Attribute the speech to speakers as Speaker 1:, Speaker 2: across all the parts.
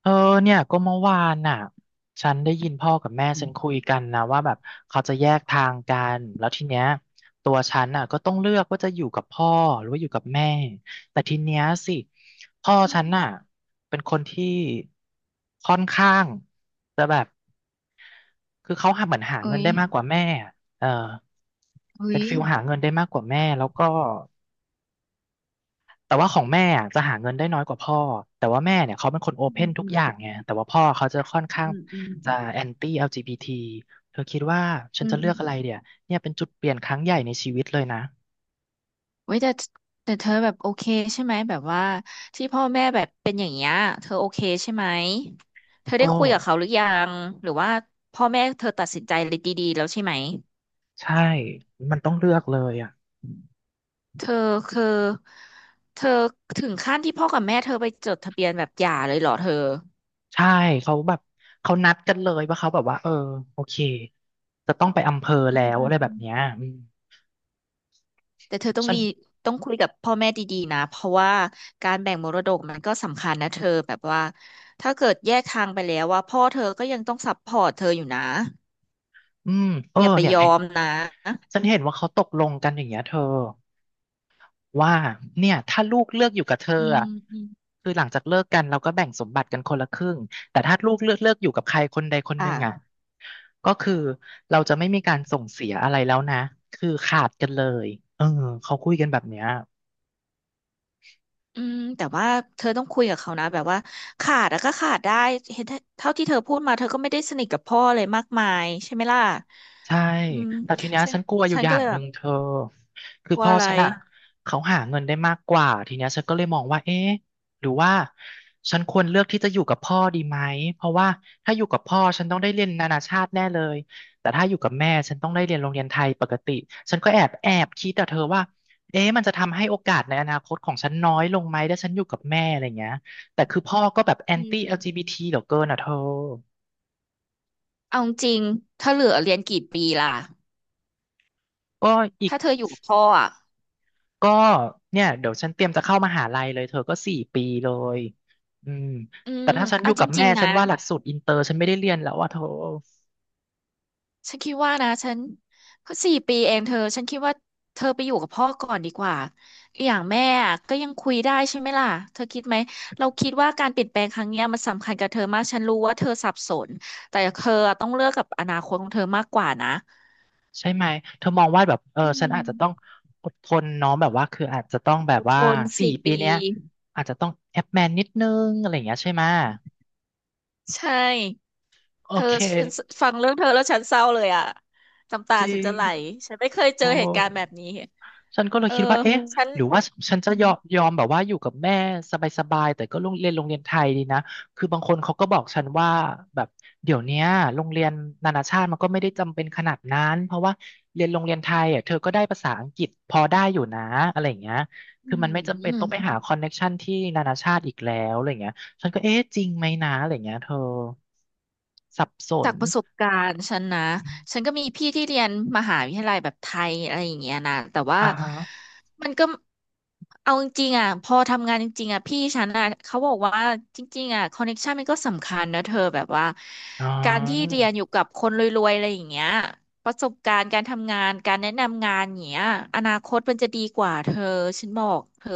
Speaker 1: เออเนี่ยก็เมื่อวานน่ะฉันได้ยินพ่อกับแม่
Speaker 2: อื
Speaker 1: ฉัน
Speaker 2: ม
Speaker 1: คุยกันนะว่าแบบเขาจะแยกทางกันแล้วทีเนี้ยตัวฉันน่ะก็ต้องเลือกว่าจะอยู่กับพ่อหรือว่าอยู่กับแม่แต่ทีเนี้ยสิพ่อฉันน่ะเป็นคนที่ค่อนข้างจะแบบคือเขาหาเหมือนหา
Speaker 2: เอ้
Speaker 1: เงิน
Speaker 2: ย
Speaker 1: ได้มากกว่าแม่อะเออ
Speaker 2: เอ้
Speaker 1: เป็น
Speaker 2: ย
Speaker 1: ฟิลหาเงินได้มากกว่าแม่แล้วก็ แต่ว่าของแม่อะจะหาเงินได้น้อยกว่าพ่อแต่ว่าแม่เนี่ยเขาเป็นคนโอ
Speaker 2: อื
Speaker 1: เพน
Speaker 2: ม
Speaker 1: ทุ
Speaker 2: อื
Speaker 1: ก
Speaker 2: ม
Speaker 1: อย่างไงแต่ว่าพ่อเขาจะค่อนข้าง
Speaker 2: อืมอืม
Speaker 1: จะแอนตี้ l ีบีทีเธอคิดว่าฉั
Speaker 2: อื
Speaker 1: นจะ
Speaker 2: ม
Speaker 1: เลื
Speaker 2: อื
Speaker 1: อ
Speaker 2: ม
Speaker 1: กอะไรเดี๋ยเนี่ยเป็นจุดเปลี่ยนครั้งใหญ่ในชีวิตเลยนะ
Speaker 2: เว้ยแต่เธอแบบโอเคใช่ไหมแบบว่าที่พ่อแม่แบบเป็นอย่างเงี้ยเธอโอเคใช่ไหมเธอ
Speaker 1: ก็
Speaker 2: ได้คุยกับเขาหรือยังหรือว่าพ่อแม่เธอตัดสินใจเลยดีๆแล้วใช่ไหม
Speaker 1: ใช่มันต้องเลือกเลยอ่ะ
Speaker 2: เธอคือเธอถึงขั้นที่พ่อกับแม่เธอไปจดทะเบียนแบบหย่าเลยเหรอเธอ
Speaker 1: ใช่เขาแบบเขานัดกันเลยว่าเขาแบบว่าเออโอเคจะต้องไปอำเภอ
Speaker 2: อื
Speaker 1: แล้
Speaker 2: ม
Speaker 1: ว
Speaker 2: อื
Speaker 1: อะไรแบบเนี้ย
Speaker 2: ม
Speaker 1: อืม
Speaker 2: แต่เธอ
Speaker 1: ฉัน
Speaker 2: ต้องคุยกับพ่อแม่ดีๆนะเพราะว่าการแบ่งมรดกมันก็สำคัญนะเธอแบบว่าถ้าเกิดแยกทางไปแล้วว่าพ่อเธอก็ยังต้องซัพพอร์ตเธออยู่นะ
Speaker 1: อืมเออ
Speaker 2: อย่าไป
Speaker 1: เนี่ย
Speaker 2: ยอมนะ
Speaker 1: ฉันเห็นว่าเขาตกลงกันอย่างเงี้ยเธอ ว่าเนี่ยถ้าลูกเลือกอยู่กับเธอ
Speaker 2: อื
Speaker 1: อ่ะ
Speaker 2: มอม
Speaker 1: คือหลังจากเลิกกันเราก็แบ่งสมบัติกันคนละครึ่งแต่ถ้าลูกเลือกเลือกอยู่กับใครคนใดคนหนึ่งอ่ะ
Speaker 2: อ่ะ
Speaker 1: ก็คือเราจะไม่มีการส่งเสียอะไรแล้วนะคือขาดกันเลยเออเขาคุยกันแบบเนี้ย
Speaker 2: อืมแต่ว่าเธอต้องคุยกับเขานะแบบว่าขาดแล้วก็ขาดได้เห็นเท่าที่เธอพูดมาเธอก็ไม่ได้สนิทกับพ่อเลยมากมายใช่ไหมล่ะ
Speaker 1: ใช่
Speaker 2: อืม
Speaker 1: แต่ทีเนี้ย
Speaker 2: ฉัน
Speaker 1: ฉันกลัวอยู่
Speaker 2: ฉัน
Speaker 1: อ
Speaker 2: ก็
Speaker 1: ย่า
Speaker 2: เล
Speaker 1: ง
Speaker 2: ย
Speaker 1: ห
Speaker 2: แบ
Speaker 1: นึ่ง
Speaker 2: บ
Speaker 1: เธอคือ
Speaker 2: กลั
Speaker 1: พ่
Speaker 2: ว่า
Speaker 1: อ
Speaker 2: อะไร
Speaker 1: ฉันอะเขาหาเงินได้มากกว่าทีเนี้ยฉันก็เลยมองว่าเอ๊ะหรือว่าฉันควรเลือกที่จะอยู่กับพ่อดีไหมเพราะว่าถ้าอยู่กับพ่อฉันต้องได้เรียนนานาชาติแน่เลยแต่ถ้าอยู่กับแม่ฉันต้องได้เรียนโรงเรียนไทยปกติฉันก็แอบแอบคิดแต่เธอว่าเอ๊ะมันจะทำให้โอกาสในอนาคตของฉันน้อยลงไหมถ้าฉันอยู่กับแม่อะไรเงี้ยแต่คือพ่อก็แบบแอ
Speaker 2: อื
Speaker 1: นตี้แอ
Speaker 2: ม
Speaker 1: ลจีบีทีเหลือเกินอ่ะเธอ
Speaker 2: เอาจริงๆถ้าเหลือเรียนกี่ปีล่ะ
Speaker 1: ก็อีก
Speaker 2: ถ้าเธออยู่กับพ่ออ่ะ
Speaker 1: ก็เนี่ยเดี๋ยวฉันเตรียมจะเข้ามหาลัยเลยเธอก็สี่ปีเลยอืม
Speaker 2: อื
Speaker 1: แต่
Speaker 2: ม
Speaker 1: ถ้าฉันอ
Speaker 2: เอา
Speaker 1: ยู่
Speaker 2: จ
Speaker 1: กับแม่
Speaker 2: ริงๆ
Speaker 1: ฉั
Speaker 2: นะ
Speaker 1: นว่าหลักสูตรอินเตอร์ฉันไม่ได้เรียนแล้วอ่ะเธอ
Speaker 2: ฉันคิดว่านะฉันเพสี่ปีเองเธอฉันคิดว่าเธอไปอยู่กับพ่อก่อนดีกว่าอย่างแม่อะก็ยังคุยได้ใช่ไหมล่ะเธอคิดไหมเราคิดว่าการเปลี่ยนแปลงครั้งเนี้ยมันสำคัญกับเธอมากฉันรู้ว่าเธอสับสนแต่เธอต้องเลือกกับอนาคตของเธอมากกว่านะ
Speaker 1: ใช่ไหมเธอมองว่าแบบเออ
Speaker 2: อื
Speaker 1: ฉันอาจจะต้อง
Speaker 2: ม
Speaker 1: อดทนเน้องแบบว่าคืออาจจะต้องแบบ
Speaker 2: อด
Speaker 1: ว่า
Speaker 2: ทน
Speaker 1: สี่
Speaker 2: สี่
Speaker 1: ปี
Speaker 2: ปี
Speaker 1: เนี้ยอาจจะต้องแอปแมนนิดนึงอะไรอย่างเงี้ยใช่ไหม
Speaker 2: ใช่
Speaker 1: โอ
Speaker 2: เธอ
Speaker 1: เค
Speaker 2: ฉันฟังเรื่องเธอแล้วฉันเศร้าเลยอะน้ำตา
Speaker 1: จริ
Speaker 2: ฉันจะไหล
Speaker 1: ง
Speaker 2: ฉันไม่เคยเจ
Speaker 1: โอ้
Speaker 2: อเหตุการณ์แบบนี้
Speaker 1: ฉันก็เลย
Speaker 2: เออ
Speaker 1: คิดว่าอืเอ๊ะม
Speaker 2: ฉัน
Speaker 1: หรือว่าฉันจะยอมยอมแบบว่าอยู่กับแม่สบายๆแต่ก็โรงเรียนโรงเรียนไทยดีนะคือบางคนเขาก็บอกฉันว่าแบบเดี๋ยวเนี้ยโรงเรียนนานาชาติมันก็ไม่ได้จำเป็นขนาดนั้นเพราะว่าเรียนโรงเรียนไทยอ่ะเธอก็ได้ภาษาอังกฤษพอได้อยู่นะอะไรอย่างเงี้ย
Speaker 2: อื
Speaker 1: คือมันไม่จำเป็นต้องไปหา
Speaker 2: ม
Speaker 1: คอนเน็กชันที่นานาชาติอีกแล้วอะไรอย่างเงี้ยฉันก็เอ๊ะจริงไหมนะอะไรอย่างเงี้ยเธอสับส
Speaker 2: จา
Speaker 1: น
Speaker 2: กประสบการณ์ฉันนะฉันก็มีพี่ที่เรียนมหาวิทยาลัยแบบไทยอะไรอย่างเงี้ยนะแต่ว่า
Speaker 1: อ่าฮะ
Speaker 2: มันก็เอาจริงๆอ่ะพอทำงานจริงๆอ่ะพี่ฉันอ่ะเขาบอกว่าจริงๆอ่ะคอนเน t ชันมันก็สำคัญนะเธอแบบว่า
Speaker 1: อ๋อ
Speaker 2: การที่เรียนอยู่กับคนรวยๆอะไรอย่างเงี้ยประสบการณ์การทำงานการแนะนำงานอย่างเงี้ยอนาคตมันจะดีกว่าเธอฉันบอกเธอ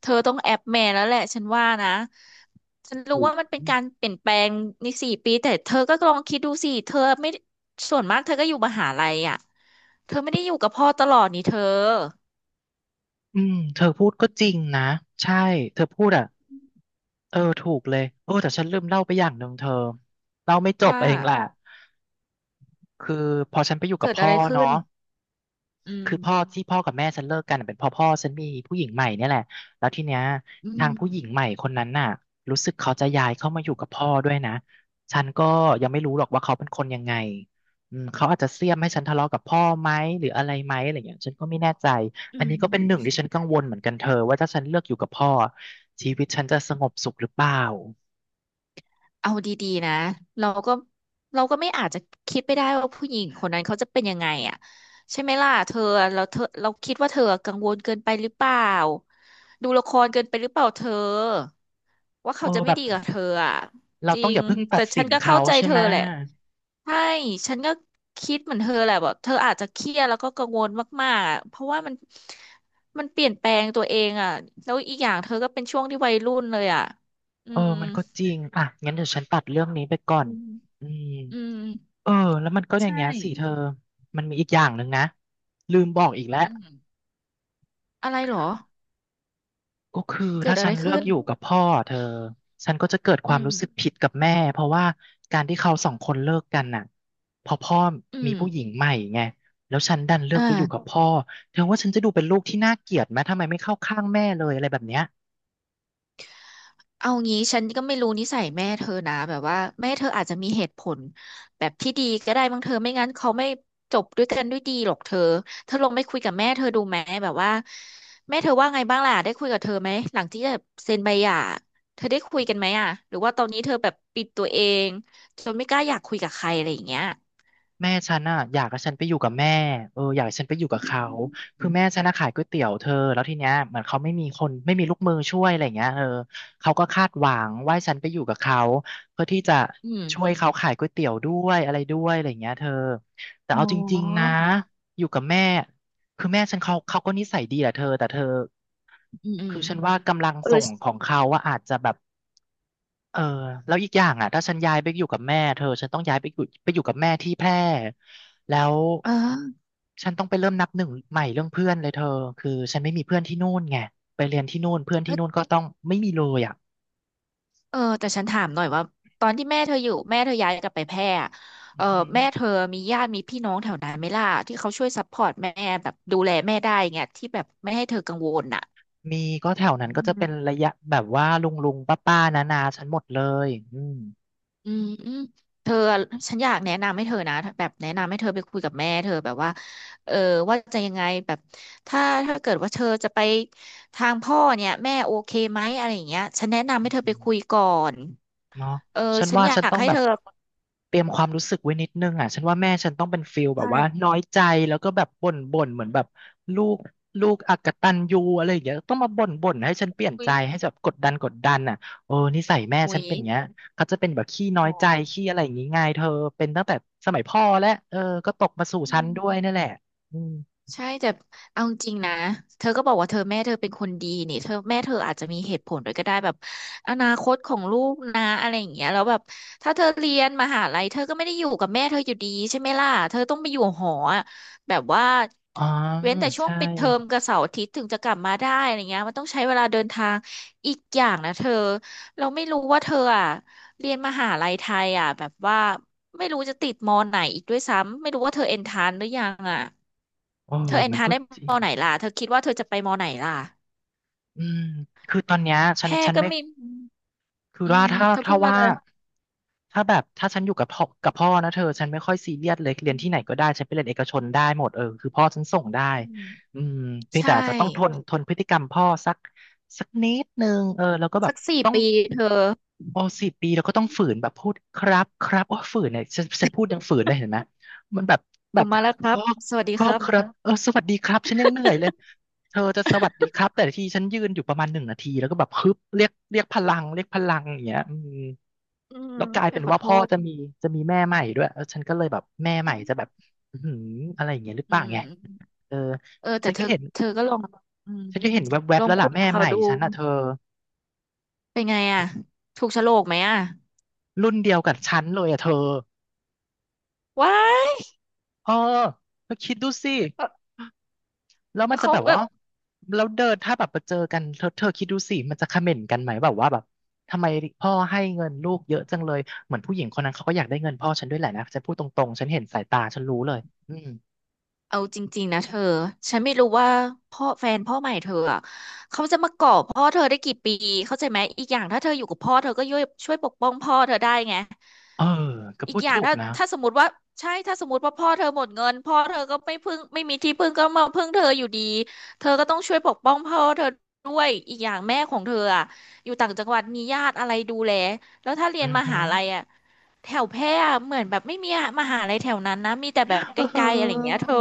Speaker 2: เธอต้องแอปแม่แล้วแหละฉันว่านะฉันรู้ว่ามันเป็นการเปลี่ยนแปลงในสี่ปีแต่เธอก็ลองคิดดูสิเธอไม่ส่วนมากเธอก็อยู่มหาลัยอ่ะเธอไม่ได้อยู่กับพ่อตลอดนี่เธอ
Speaker 1: อืมเธอพูดก็จริงนะใช่เธอพูดอ่ะเออถูกเลยโอ้แต่ฉันลืมเล่าไปอย่างหนึ่งเธอเล่าไม่จบ
Speaker 2: ว่า
Speaker 1: เองแหละคือพอฉันไปอยู่กับ
Speaker 2: เกิด
Speaker 1: พ่
Speaker 2: อะ
Speaker 1: อ
Speaker 2: ไรขึ้
Speaker 1: เนาะ
Speaker 2: นอื
Speaker 1: คือพ่อ
Speaker 2: ม
Speaker 1: ที่พ่อกับแม่ฉันเลิกกันน่ะเป็นเพ่อพ่อฉันมีผู้หญิงใหม่เนี่ยแหละแล้วทีเนี้ย
Speaker 2: อื
Speaker 1: ทาง
Speaker 2: ม
Speaker 1: ผู้หญิงใหม่คนนั้นน่ะรู้สึกเขาจะย้ายเข้ามาอยู่กับพ่อด้วยนะฉันก็ยังไม่รู้หรอกว่าเขาเป็นคนยังไงอืมเขาอาจจะเสี้ยมให้ฉันทะเลาะกับพ่อไหมหรืออะไรไหมอะไรอย่างเงี้ยฉันก็ไม่แน่ใจ
Speaker 2: อื
Speaker 1: อัน
Speaker 2: ม
Speaker 1: นี้ก็เป็นหนึ่งที่ฉันกังวลเหมือนกันเธอว่าถ้าฉันเลือกอยู่กับพ่อชีวิตฉันจะสงบสุขหรือเปล่า
Speaker 2: เอาดีๆนะเราก็เราก็ไม่อาจจะคิดไปได้ว่าผู้หญิงคนนั้นเขาจะเป็นยังไงอ่ะใช่ไหมล่ะเธอเราคิดว่าเธอกังวลเกินไปหรือเปล่าดูละครเกินไปหรือเปล่าเธอว่า
Speaker 1: โอ้
Speaker 2: เขาจะไม่
Speaker 1: แบบ
Speaker 2: ดีกับเธออ่ะ
Speaker 1: เรา
Speaker 2: จริ
Speaker 1: ต้องอ
Speaker 2: ง
Speaker 1: ย่าเพิ่งตั
Speaker 2: แต่
Speaker 1: ดสิ
Speaker 2: ฉัน
Speaker 1: น
Speaker 2: ก็
Speaker 1: เขา
Speaker 2: เข้าใจ
Speaker 1: ใช่
Speaker 2: เธ
Speaker 1: ไห
Speaker 2: อ
Speaker 1: ม
Speaker 2: แหละใช่ฉันก็คิดเหมือนเธอแหละแบบเธออาจจะเครียดแล้วก็กังวลมากๆอะเพราะว่ามันมันเปลี่ยนแปลงตัวเองอ่ะแล้วอีกอย่างเธอก็เป็นช่วงที่วัยรุ่นเลยอ่ะอื
Speaker 1: เออ
Speaker 2: ม
Speaker 1: มันก็จริงอ่ะงั้นเดี๋ยวฉันตัดเรื่องนี้ไปก่อ
Speaker 2: อื
Speaker 1: น
Speaker 2: ม
Speaker 1: อืม
Speaker 2: อืม
Speaker 1: เออแล้วมันก็อย่า
Speaker 2: ใช่
Speaker 1: งเงี้ยสิเธอมันมีอีกอย่างหนึ่งนะลืมบอกอีกแล้ว
Speaker 2: อืมอะไรเหรอ
Speaker 1: ก็คือ
Speaker 2: เกิด
Speaker 1: ถ้า
Speaker 2: อะ
Speaker 1: ฉั
Speaker 2: ไร
Speaker 1: นเลื
Speaker 2: ขึ้
Speaker 1: อก
Speaker 2: น
Speaker 1: อยู่กับพ่อเธอฉันก็จะเกิดควา
Speaker 2: อื
Speaker 1: ม
Speaker 2: ม
Speaker 1: รู้สึกผิดกับแม่เพราะว่าการที่เขาสองคนเลิกกันน่ะพอพ่อ
Speaker 2: อื
Speaker 1: มี
Speaker 2: ม
Speaker 1: ผู้หญิงใหม่ไงแล้วฉันดันเลือกไปอยู่กับ
Speaker 2: อ่า
Speaker 1: พ่อเธอว่าฉันจะดูเป็นลูกที่น่าเกลียดไหมทำไมไม่เข้าข้างแม่เลยอะไรแบบเนี้ย
Speaker 2: เอางี้ฉันก็ไม่รู้นิสัยแม่เธอนะแบบว่าแม่เธออาจจะมีเหตุผลแบบที่ดีก็ได้บางเธอไม่งั้นเขาไม่จบด้วยกันด้วยดีหรอกเธอเธอลองไปคุยกับแม่เธอดูไหมแบบว่าแม่เธอว่าไงบ้างล่ะได้คุยกับเธอไหมหลังที่จะเซ็นใบหย่าเธอได้คุยกันไหมอ่ะหรือว่าตอนนี้เธอแบบปิดตัวเองจนไม่กล้าอยากคุยกับใครอะไรอย่างเงี้ย
Speaker 1: แม่ฉันอ่ะอยากให้ฉันไปอยู่กับแม่เอออยากให้ฉันไปอยู่กั
Speaker 2: อื
Speaker 1: บเขา
Speaker 2: ม
Speaker 1: คือแม่ฉันน่ะขายก๋วยเตี๋ยวเธอ แล้วทีเนี้ยเหมือนเขาไม่มีคนไม่มีลูกมือช่วยอะไรเงี้ยเขาก็คาดหวังว่าให้ฉันไปอยู่กับเขาเพื่อที่จะ
Speaker 2: อืม
Speaker 1: ช่วยเขาขายก๋วยเตี๋ยวด้วยอะไรด้วยอะไรเงี้ยเธอแต่
Speaker 2: อ๋อ
Speaker 1: เอาจริงๆนะอยู่กับแม่คือแม่ฉันเขาก็นิสัยดีแหละเธอแต่เธอ
Speaker 2: อืมอืม
Speaker 1: คือฉันว่ากำลัง
Speaker 2: เออ
Speaker 1: ส่งของเขาว่าอะอาจจะแบบ เออแล้วอีกอย่างอ่ะถ้าฉันย้ายไปอยู่กับแม่เธอฉันต้องย้ายไปอยู่กับแม่ที่แพร่แล้ว
Speaker 2: เออ
Speaker 1: ฉันต้องไปเริ่มนับหนึ่งใหม่เรื่องเพื่อนเลยเธอคือฉันไม่มีเพื่อนที่นู่นไงไปเล
Speaker 2: เออ
Speaker 1: ยอ่ะ
Speaker 2: เออแต่ฉันถามหน่อยว่าตอนที่แม่เธออยู่แม่เธอย้ายกลับไปแพร่อะเอ
Speaker 1: อื
Speaker 2: อ
Speaker 1: อหือ
Speaker 2: แม่เธอมีญาติมีพี่น้องแถวนั้นไหมล่ะที่เขาช่วยซัพพอร์ตแม่แบบดูแลแม่ได้เงี้ยที่แบบไม่ให้เธอกังวลอ่ะ
Speaker 1: มีก็แถวนั้น
Speaker 2: อื
Speaker 1: ก็จะเป็น
Speaker 2: ม
Speaker 1: ระยะแบบว่าลุงลุงป้าป้านานาๆฉันหมดเลยอืม
Speaker 2: อืมอืมเธอฉันอยากแนะนำให้เธอนะแบบแนะนำให้เธอไปคุยกับแม่เธอแบบว่าเออว่าจะยังไงแบบถ้าถ้าเกิดว่าเธอจะไปทางพ่อเนี่ยแม่โอเคไหมอะไรอย่างเงี้ยฉันแนะนำ
Speaker 1: อ
Speaker 2: ให้เธอไป
Speaker 1: ืม
Speaker 2: คุยก่อน
Speaker 1: เนาะ
Speaker 2: เออ
Speaker 1: ฉัน
Speaker 2: ฉัน
Speaker 1: ว่า
Speaker 2: อยา
Speaker 1: ฉัน
Speaker 2: ก
Speaker 1: ต้อง
Speaker 2: ให้
Speaker 1: แบ
Speaker 2: เธ
Speaker 1: บ
Speaker 2: อ
Speaker 1: เตรียมความรู้สึกไว้นิดนึงอ่ะฉันว่าแม่ฉันต้องเป็นฟิลแบบว่า
Speaker 2: ใช่
Speaker 1: น้อยใจแล้วก็แบบบ่นบ่นเหมือนแบบลูกลูกอกตัญญูอะไรอย่างเงี้ยต้องมาบ่นบ่นให้ฉันเปลี่ยน
Speaker 2: อุ๊
Speaker 1: ใจ
Speaker 2: ย
Speaker 1: ให้แบบกดดันกดดันอ่ะโอ้นิสัยแม่
Speaker 2: อุ๊
Speaker 1: ฉัน
Speaker 2: ย
Speaker 1: เป็นอย่างเงี้ยเขาจะเป็นแบบขี้น้อ
Speaker 2: อ๋อ
Speaker 1: ยใจขี้อะไรอย่างงี้ไงเธอเป็นตั้งแต่สมัยพ่อและก็ตกมาสู่
Speaker 2: อื
Speaker 1: ฉันด้วยนั่นแหละ
Speaker 2: ม
Speaker 1: อืม
Speaker 2: ใช่แต่เอาจริงนะเธอก็บอกว่าเธอแม่เธอเป็นคนดีนี่เธอแม่เธออาจจะมีเหตุผลด้วยก็ได้แบบอนาคตของลูกนะอะไรอย่างเงี้ยแล้วแบบถ้าเธอเรียนมหาลัยเธอก็ไม่ได้อยู่กับแม่เธออยู่ดีใช่ไหมล่ะเธอต้องไปอยู่หออะแบบว่า
Speaker 1: อ๋อ
Speaker 2: เว้นแต่ช่วง
Speaker 1: ใช่
Speaker 2: ปิดเทอมกับเสาร์อาทิตย์ถึงจะกลับมาได้อะไรเงี้ยมันต้องใช้เวลาเดินทางอีกอย่างนะเธอเราไม่รู้ว่าเธออ่ะเรียนมหาลัยไทยอ่ะแบบว่าไม่รู้จะติดมอไหนอีกด้วยซ้ำไม่รู้ว่าเธอเอนทานหรือยังอ่ะ
Speaker 1: โอ้
Speaker 2: เธอเอ็น
Speaker 1: มัน
Speaker 2: ทา
Speaker 1: ก็
Speaker 2: ได้
Speaker 1: จริ
Speaker 2: ม
Speaker 1: ง
Speaker 2: อไหนล่ะ เธอคิดว่าเธอจะไปมอไหนล่ะ
Speaker 1: อืมคือตอนเนี้ยฉั
Speaker 2: แพ
Speaker 1: น
Speaker 2: ร่
Speaker 1: ฉัน
Speaker 2: ก็
Speaker 1: ไม่
Speaker 2: มี
Speaker 1: คือ
Speaker 2: อื
Speaker 1: ว่า
Speaker 2: ม
Speaker 1: ถ้า
Speaker 2: เธอพู
Speaker 1: ถ้า
Speaker 2: ดมา
Speaker 1: ว่า
Speaker 2: เลย
Speaker 1: ถ้าแบบถ้าฉันอยู่กับพ่อนะเธอฉันไม่ค่อยซีเรียสเลยเรี
Speaker 2: อื
Speaker 1: ยนที่ไหน
Speaker 2: ม
Speaker 1: ก็ได้ฉันไปเรียนเอกชนได้หมดคือพ่อฉันส่งได้
Speaker 2: อืม
Speaker 1: อืมเพียง
Speaker 2: ใช่
Speaker 1: แต่อาจจะต้องทนพฤติกรรมพ่อสักนิดนึงแล้วก็แบ
Speaker 2: สั
Speaker 1: บ
Speaker 2: กสี่
Speaker 1: ต้อง
Speaker 2: ปีเธอ
Speaker 1: โอ4 ปีแล้วก็ต้องฝืนแบบพูดครับครับโอ้ฝืนเนี่ยฉันพูดยังฝืนเลยเห็นไหมมันแบบแบ
Speaker 2: ผ
Speaker 1: บ
Speaker 2: มมาแล้วครั
Speaker 1: พ่
Speaker 2: บ
Speaker 1: อ
Speaker 2: สวัสดี
Speaker 1: พ่อ
Speaker 2: ครับ
Speaker 1: ครับสวัสดีครับฉันยังเหนื่อยเลยเธอจะสวัสดี ครับแต่ละทีฉันยืนอยู่ประมาณ1 นาทีแล้วก็แบบฮึบเรียกพลังเรียกพลังอย่างเงี้ยอืม
Speaker 2: อืม
Speaker 1: แล้วกลาย
Speaker 2: ไป
Speaker 1: เป็น
Speaker 2: ขอ
Speaker 1: ว่า
Speaker 2: โท
Speaker 1: พ่อ
Speaker 2: ษ
Speaker 1: จะมีแม่ใหม่ด้วยฉันก็เลยแบบแม่ให
Speaker 2: อื
Speaker 1: ม่
Speaker 2: ม
Speaker 1: จะแบบอื้อหืออะไรอย่างเงี้ยหรือเป
Speaker 2: อื
Speaker 1: ล่าไง
Speaker 2: ม
Speaker 1: เออ
Speaker 2: เออแต่
Speaker 1: ฉัน
Speaker 2: เธ
Speaker 1: ก็
Speaker 2: อ
Speaker 1: เห็น
Speaker 2: เธอก็ลองอืม
Speaker 1: ฉันก็เห็นแว
Speaker 2: ล
Speaker 1: บ
Speaker 2: อ
Speaker 1: ๆ
Speaker 2: ง
Speaker 1: แล้ว
Speaker 2: คุ
Speaker 1: ล่ะ
Speaker 2: ย
Speaker 1: แม่
Speaker 2: กับเขา
Speaker 1: ใหม่
Speaker 2: ดู
Speaker 1: ฉันอ่ะเธอ
Speaker 2: เป็นไงอ่ะถูกโฉลกไหมอ่ะ
Speaker 1: รุ่นเดียวกับฉันเลยอ่ะเธอ
Speaker 2: ว้าย
Speaker 1: เออเธอคิดดูสิ
Speaker 2: เอ
Speaker 1: แล้ว
Speaker 2: อ
Speaker 1: มันจะ
Speaker 2: เขา
Speaker 1: แบบ
Speaker 2: แบ
Speaker 1: ว่า
Speaker 2: บ
Speaker 1: แล้วเดินถ้าแบบไปเจอกันเธอเธอคิดดูสิมันจะคอมเมนต์กันไหมแบบว่าแบบทำไมพ่อให้เงินลูกเยอะจังเลยเหมือนผู้หญิงคนนั้นเขาก็อยากได้เงินพ่อฉันด้วยแหละนะฉันพูดตรงๆฉันเห็นสายตาฉันรู้เลยอืม
Speaker 2: เอาจริงๆนะเธอ ฉันไม่รู้ว่าพ่อแฟนพ่อใหม่เธออะเขาจะมาเกาะพ่อเธอได้กี่ปีเข้าใจไหมอีกอย่างถ้าเธออยู่กับพ่อเธอก็ช่วยปกป้องพ่อเธอได้ไง
Speaker 1: เออก็
Speaker 2: อี
Speaker 1: พู
Speaker 2: ก
Speaker 1: ด
Speaker 2: อย่าง
Speaker 1: ถูก
Speaker 2: ถ้า
Speaker 1: นะ
Speaker 2: ถ้าสมมติว่าใช่ถ้าสมมติว่าพ่อเธอหมดเงินพ่อเธอก็ไม่มีที่พึ่งก็มาพึ่งเธออยู่ดีเธอก็ต้องช่วยปกป้องพ่อเธอด้วยอีกอย่างแม่ของเธออะอยู่ต่างจังหวัดมีญาติอะไรดูแลแล้วถ้าเรี
Speaker 1: อื
Speaker 2: ยน
Speaker 1: อ
Speaker 2: ม
Speaker 1: ฮึ
Speaker 2: หาลัยอะแถวแพร่อะเหมือนแบบไม่มีมหาลัยแถวนั้นนะมีแต่แบบ
Speaker 1: เ
Speaker 2: ใกล้ๆอะไรอย่าง
Speaker 1: ออ
Speaker 2: เงี้ยเธอ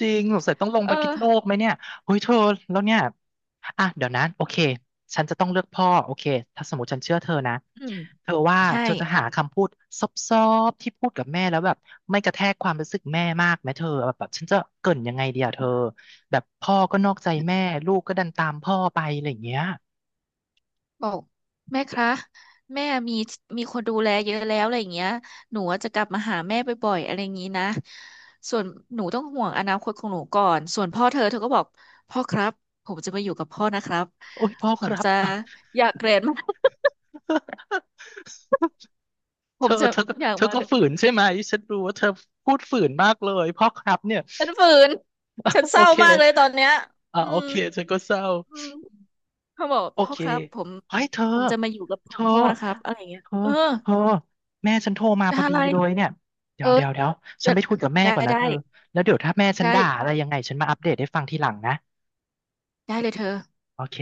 Speaker 1: จริงสงสัยต้องลง
Speaker 2: เอ
Speaker 1: ไป
Speaker 2: อ
Speaker 1: พิษโลกไหมเนี่ยเฮ้ยเธอแล้วเนี่ยอ่ะเดี๋ยวนะโอเคฉันจะต้องเลือกพ่อโอเคถ้าสมมติฉันเชื่อเธอนะ
Speaker 2: อืม
Speaker 1: เธอว่า
Speaker 2: ใช่
Speaker 1: เธอจะหาคำพูดซอบๆที่พูดกับแม่แล้วแบบไม่กระแทกความรู้สึกแม่มากไหมเธอแบบแบบฉันจะเกริ่นยังไงดีอะเธอแบบพ่อก็นอกใจแม่ลูกก็ดันตามพ่อไปอะไรอย่างเงี้ย
Speaker 2: บอกแม่คะแม่มีมีคนดูแลเยอะแล้วอะไรอย่างเงี้ยหนูว่าจะกลับมาหาแม่บ่อยๆอะไรอย่างงี้นะส่วนหนูต้องห่วงอนาคตของหนูก่อนส่วนพ่อเธอเธอก็บอกพ่อครับผมจะมาอยู่กับพ่อนะครับ
Speaker 1: โอ้ยพ่อ
Speaker 2: ผ
Speaker 1: ค
Speaker 2: ม
Speaker 1: รับ
Speaker 2: จะ อยากเรียนมาก ผ
Speaker 1: เธ
Speaker 2: ม
Speaker 1: อ
Speaker 2: จะ
Speaker 1: เธอก็
Speaker 2: อยาก
Speaker 1: เธอ
Speaker 2: มา
Speaker 1: ก็ฝืนใช่ไหมฉันรู้ว่าเธอพูดฝืนมากเลยพ่อครับเนี่ย
Speaker 2: ฉันฝืนฉัน เศ
Speaker 1: โอ
Speaker 2: ร้า
Speaker 1: เค
Speaker 2: มากเลยตอนเนี้ย
Speaker 1: อ่า
Speaker 2: อื
Speaker 1: โอ
Speaker 2: ม
Speaker 1: เคฉันก็เศร้า
Speaker 2: อืมเขาบอก
Speaker 1: โอ
Speaker 2: พ่อ
Speaker 1: เค
Speaker 2: ครับผม
Speaker 1: เฮ้ยเธอ
Speaker 2: ผมจะมาอยู่กับข
Speaker 1: เธ
Speaker 2: อ
Speaker 1: อ
Speaker 2: งพ่อนะครับอะไรอย่างเงี้ย
Speaker 1: เธอ
Speaker 2: เออ
Speaker 1: เธอแม่ฉันโทรมา
Speaker 2: ได้
Speaker 1: พอ
Speaker 2: อะ
Speaker 1: ดี
Speaker 2: ไร
Speaker 1: เลยเนี่ยเดี๋
Speaker 2: เอ
Speaker 1: ย
Speaker 2: อ
Speaker 1: วเดี๋ยวเดี๋ยวฉั
Speaker 2: จะ
Speaker 1: นไปคุยกับแม่
Speaker 2: ได้
Speaker 1: ก่อนนะ
Speaker 2: ได้
Speaker 1: เธอแล้วเดี๋ยวถ้าแม่ฉัน
Speaker 2: ได้
Speaker 1: ด่าอะไรยังไงฉันมาอัปเดตให้ฟังทีหลังนะ
Speaker 2: ได้เลยเธอ
Speaker 1: โอเค